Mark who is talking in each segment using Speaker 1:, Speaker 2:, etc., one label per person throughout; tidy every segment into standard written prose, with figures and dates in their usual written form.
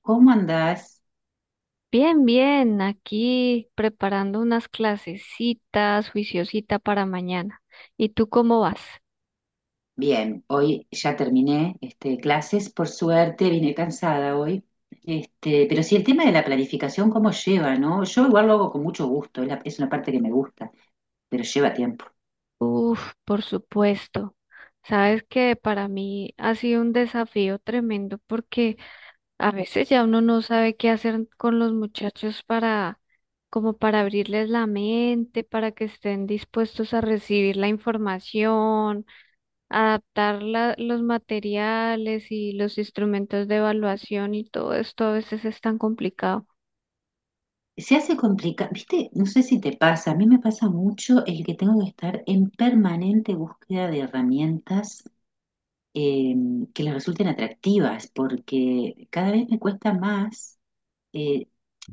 Speaker 1: ¿Cómo andás?
Speaker 2: Bien, bien, aquí preparando unas clasecitas, juiciosita para mañana. ¿Y tú cómo vas?
Speaker 1: Bien, hoy ya terminé clases, por suerte, vine cansada hoy. Pero sí, el tema de la planificación, ¿cómo lleva, no? Yo igual lo hago con mucho gusto, es una parte que me gusta, pero lleva tiempo.
Speaker 2: Uf, por supuesto. Sabes que para mí ha sido un desafío tremendo porque a veces ya uno no sabe qué hacer con los muchachos para, como para abrirles la mente, para que estén dispuestos a recibir la información adaptar los materiales y los instrumentos de evaluación y todo esto a veces es tan complicado.
Speaker 1: Se hace complicado, viste, no sé si te pasa, a mí me pasa mucho el que tengo que estar en permanente búsqueda de herramientas eh, que les resulten atractivas, porque cada vez me cuesta más eh,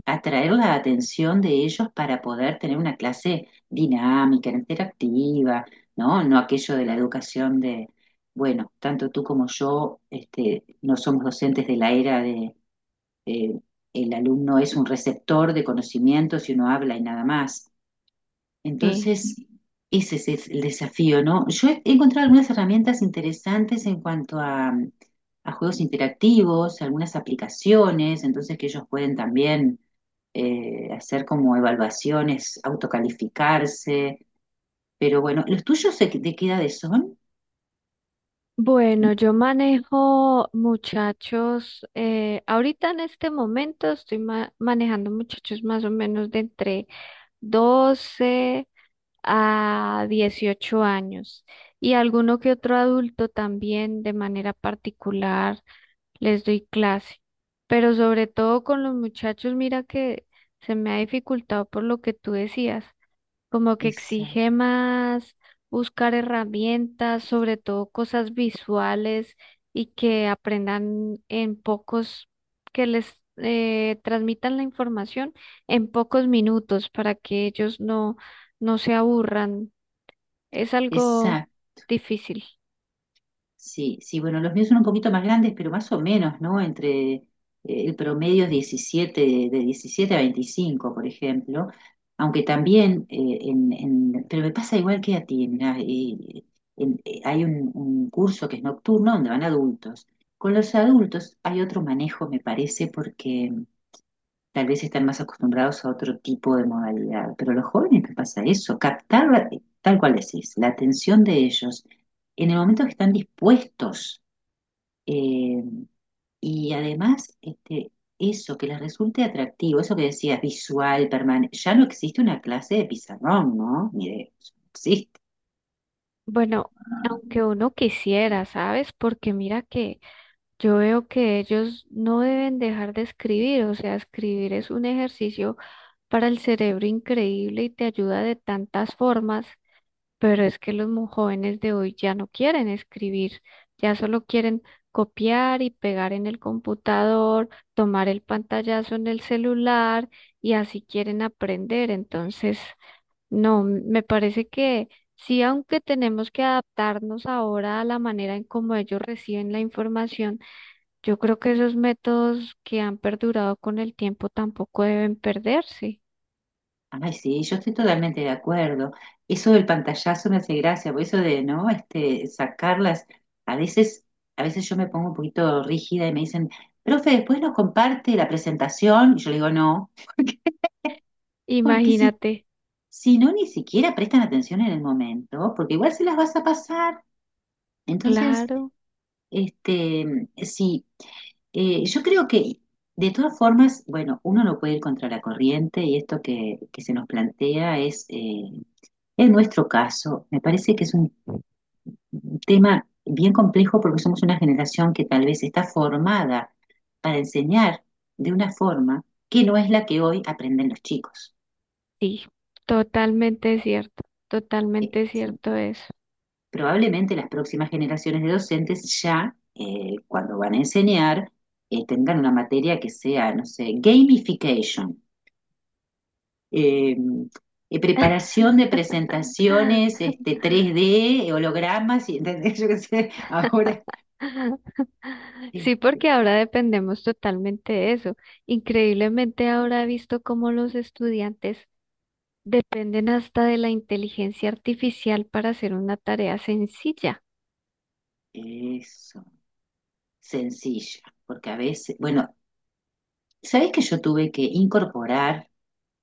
Speaker 1: atraer la atención de ellos para poder tener una clase dinámica, interactiva, ¿no? No aquello de la educación de, bueno, tanto tú como yo, no somos docentes de la era de eh, el alumno es un receptor de conocimientos y uno habla y nada más.
Speaker 2: Sí.
Speaker 1: Entonces, ese es el desafío, ¿no? Yo he encontrado algunas herramientas interesantes en cuanto a juegos interactivos, algunas aplicaciones, entonces que ellos pueden también hacer como evaluaciones, autocalificarse, pero bueno, ¿los tuyos de qué edades son?
Speaker 2: Bueno, yo manejo muchachos, ahorita en este momento estoy manejando muchachos más o menos de entre 12 a 18 años y alguno que otro adulto también de manera particular les doy clase, pero sobre todo con los muchachos, mira que se me ha dificultado por lo que tú decías, como que
Speaker 1: Esa,
Speaker 2: exige más buscar herramientas, sobre todo cosas visuales y que aprendan en pocos, que les transmitan la información en pocos minutos para que ellos no, no se aburran. Es algo
Speaker 1: esa,
Speaker 2: difícil.
Speaker 1: sí, sí, bueno, los míos son un poquito más grandes, pero más o menos, ¿no? Entre el promedio es 17, de 17 a 25, por ejemplo, aunque también, pero me pasa igual que a ti, mirá, hay un curso que es nocturno donde van adultos. Con los adultos hay otro manejo, me parece, tal vez están más acostumbrados a otro tipo de modalidad, pero a los jóvenes les pasa eso, tal cual decís, la atención de ellos en el momento que están dispuestos eh, y además eso que les resulte atractivo, eso que decías, visual, permanente, ya no existe una clase de pizarrón, ¿no? Ni de, sí.
Speaker 2: Bueno, aunque uno quisiera, ¿sabes? Porque mira que yo veo que ellos no deben dejar de escribir, o sea, escribir es un ejercicio para el cerebro increíble y te ayuda de tantas formas, pero es que los jóvenes de hoy ya no quieren escribir, ya solo quieren copiar y pegar en el computador, tomar el pantallazo en el celular y así quieren aprender. Entonces, no, me parece que sí, aunque tenemos que adaptarnos ahora a la manera en cómo ellos reciben la información, yo creo que esos métodos que han perdurado con el tiempo tampoco deben perderse.
Speaker 1: Ay, sí, yo estoy totalmente de acuerdo. Eso del pantallazo me hace gracia, por eso de, ¿no? Sacarlas. A veces, a veces yo me pongo un poquito rígida y me dicen, profe, después nos comparte la presentación. Y yo le digo, no, porque si,
Speaker 2: Imagínate,
Speaker 1: si no, ni siquiera prestan atención en el momento, porque igual se las vas a pasar. Entonces,
Speaker 2: claro,
Speaker 1: sí, yo creo que de todas formas, bueno, uno no puede ir contra la corriente y esto que se nos plantea es... En nuestro caso, me parece que es un tema bien complejo porque somos una generación que tal vez está formada para enseñar de una forma que no es la que hoy aprenden los chicos.
Speaker 2: sí, totalmente
Speaker 1: Sí.
Speaker 2: cierto eso.
Speaker 1: Probablemente las próximas generaciones de docentes ya, cuando van a enseñar, tendrán una materia que sea, no sé, gamification, eh, preparación de presentaciones, 3D, hologramas, y, ¿entendés? Yo qué sé, ahora Eh,
Speaker 2: Sí, porque ahora dependemos totalmente de eso. Increíblemente ahora he visto cómo los estudiantes dependen hasta de la inteligencia artificial para hacer una tarea sencilla.
Speaker 1: eso, sencilla, porque a veces, bueno, ¿sabés que yo tuve que incorporar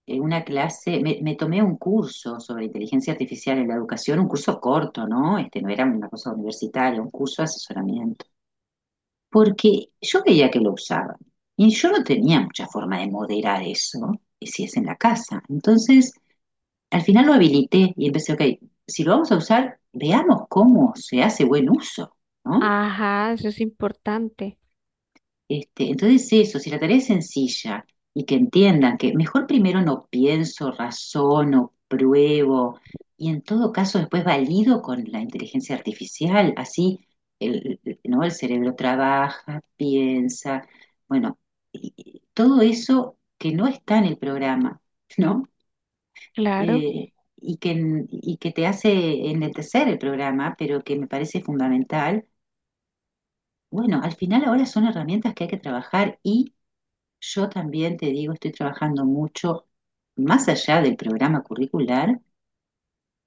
Speaker 1: eh, una clase, me tomé un curso sobre inteligencia artificial en la educación, un curso corto, ¿no? Este no era una cosa universitaria, un curso de asesoramiento, porque yo veía que lo usaban y yo no tenía mucha forma de moderar eso, y si es en la casa. Entonces, al final lo habilité y empecé, ok, si lo vamos a usar, veamos cómo se hace buen uso, ¿no?
Speaker 2: Ajá, eso es importante.
Speaker 1: Entonces eso, si la tarea es sencilla y que entiendan que mejor primero no pienso, razono, pruebo y en todo caso después valido con la inteligencia artificial, así ¿no? El cerebro trabaja, piensa, bueno, y todo eso que no está en el programa, ¿no?
Speaker 2: Claro,
Speaker 1: Eh, y y que te hace enlentecer el programa, pero que me parece fundamental. Bueno, al final ahora son herramientas que hay que trabajar, yo también te digo, estoy trabajando mucho, más allá del programa curricular,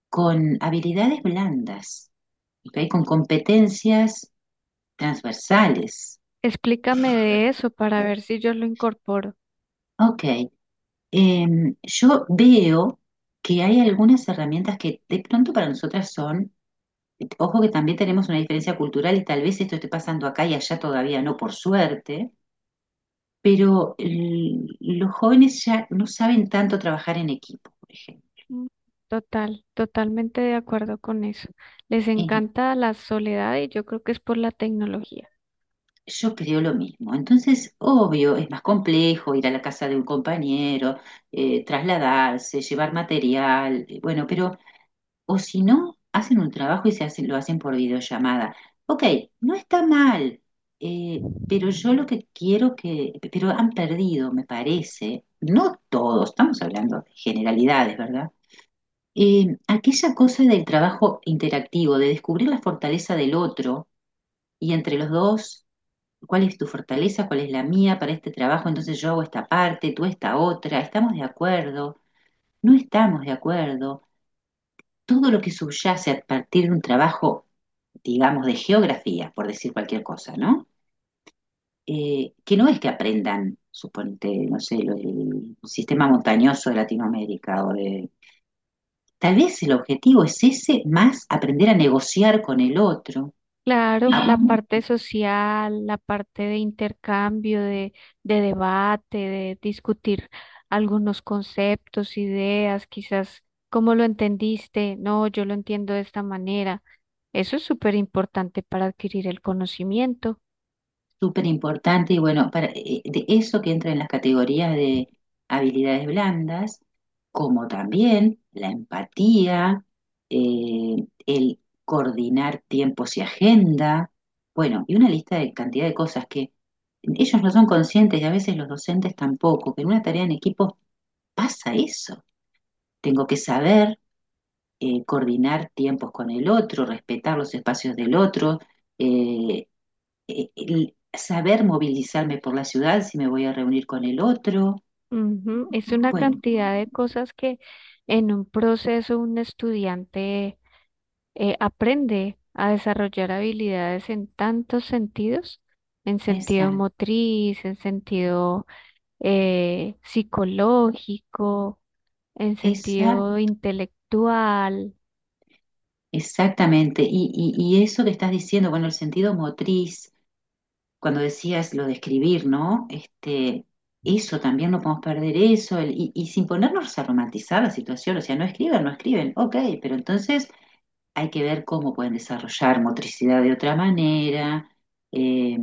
Speaker 1: con habilidades blandas, ¿ok? Con competencias transversales.
Speaker 2: explícame de eso para ver si yo lo incorporo.
Speaker 1: Ok, yo veo que hay algunas herramientas que de pronto para nosotras son, ojo que también tenemos una diferencia cultural y tal vez esto esté pasando acá y allá todavía no, por suerte, pero los jóvenes ya no saben tanto trabajar en equipo, por ejemplo.
Speaker 2: Mm, total, totalmente de acuerdo con eso. Les
Speaker 1: Eh,
Speaker 2: encanta la soledad y yo creo que es por la tecnología.
Speaker 1: Yo creo lo mismo. Entonces, obvio, es más complejo ir a la casa de un compañero, trasladarse, llevar material, bueno, pero, o si no, hacen un trabajo y se hacen, lo hacen por videollamada. Ok, no está mal, pero yo lo que quiero que, pero han perdido, me parece, no todos, estamos hablando de generalidades, ¿verdad? Aquella cosa del trabajo interactivo, de descubrir la fortaleza del otro y entre los dos cuál es tu fortaleza, cuál es la mía para este trabajo, entonces yo hago esta parte, tú esta otra, estamos de acuerdo, no estamos de acuerdo, todo lo que subyace a partir de un trabajo, digamos, de geografía, por decir cualquier cosa, ¿no? Que no es que aprendan, suponte, no sé, el sistema montañoso de Latinoamérica o de... Tal vez el objetivo es ese, más aprender a negociar con el otro,
Speaker 2: Claro, la
Speaker 1: a,
Speaker 2: parte social, la parte de intercambio, de debate, de discutir algunos conceptos, ideas, quizás cómo lo entendiste, no, yo lo entiendo de esta manera. Eso es súper importante para adquirir el conocimiento.
Speaker 1: súper importante y bueno, para, de eso que entra en las categorías de habilidades blandas, como también la empatía, eh, el coordinar tiempos y agenda, bueno, y una lista de cantidad de cosas que ellos no son conscientes y a veces los docentes tampoco, que en una tarea en equipo pasa eso. Tengo que saber coordinar tiempos con el otro, respetar los espacios del otro, eh, el saber movilizarme por la ciudad si me voy a reunir con el otro.
Speaker 2: Ujú. Es una
Speaker 1: Bueno,
Speaker 2: cantidad de cosas que en un proceso un estudiante aprende a desarrollar habilidades en tantos sentidos, en sentido
Speaker 1: esa,
Speaker 2: motriz, en sentido psicológico, en
Speaker 1: esa,
Speaker 2: sentido intelectual.
Speaker 1: exactamente. Y eso que estás diciendo, bueno, el sentido motriz, cuando decías lo de escribir, ¿no? Eso también no podemos perder eso, y sin ponernos a romantizar la situación, o sea, no escriben, no escriben, ok, pero entonces hay que ver cómo pueden desarrollar motricidad de otra manera. eh,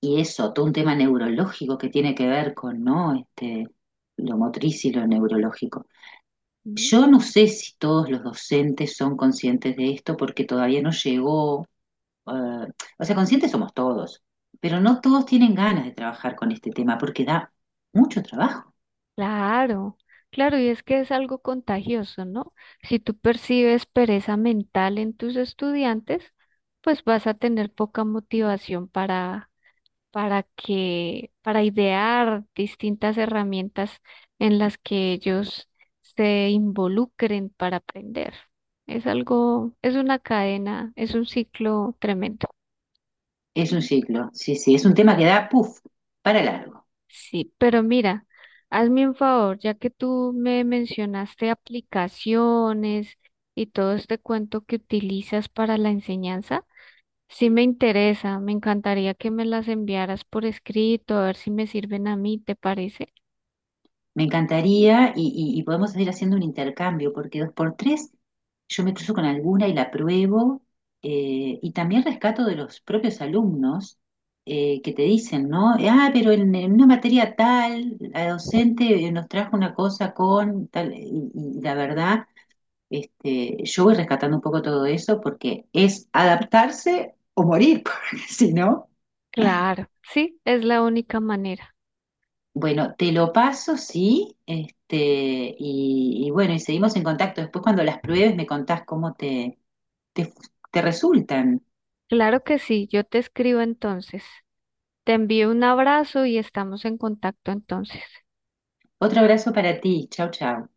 Speaker 1: Y eso, todo un tema neurológico que tiene que ver con, ¿no? Lo motriz y lo neurológico.
Speaker 2: Ujú.
Speaker 1: Yo no sé si todos los docentes son conscientes de esto porque todavía no llegó, eh, o sea, conscientes somos todos, pero no todos tienen ganas de trabajar con este tema porque da mucho trabajo.
Speaker 2: Claro, claro, y es que es algo contagioso, ¿no? Si tú percibes pereza mental en tus estudiantes, pues vas a tener poca motivación para para idear distintas herramientas en las que ellos se involucren para aprender. Es algo, es una cadena, es un ciclo tremendo.
Speaker 1: Es un ciclo, sí, sí, es un tema que da, puff, para largo.
Speaker 2: Sí, pero mira, hazme un favor, ya que tú me mencionaste aplicaciones y todo este cuento que utilizas para la enseñanza, sí me interesa, me encantaría que me las enviaras por escrito, a ver si me sirven a mí, ¿te parece?
Speaker 1: Me encantaría y podemos ir haciendo un intercambio, porque dos por tres yo me cruzo con alguna y la pruebo, y también rescato de los propios alumnos que te dicen, ¿no? Ah, pero en una materia tal, la docente nos trajo una cosa con tal, y la verdad, yo voy rescatando un poco todo eso porque es adaptarse o morir, porque si no.
Speaker 2: Claro, sí, es la única manera.
Speaker 1: Bueno, te lo paso, sí, y bueno, y seguimos en contacto. Después cuando las pruebes me contás cómo te, te resultan.
Speaker 2: Claro que sí, yo te escribo entonces. Te envío un abrazo y estamos en contacto entonces.
Speaker 1: Otro abrazo para ti. Chau, chau.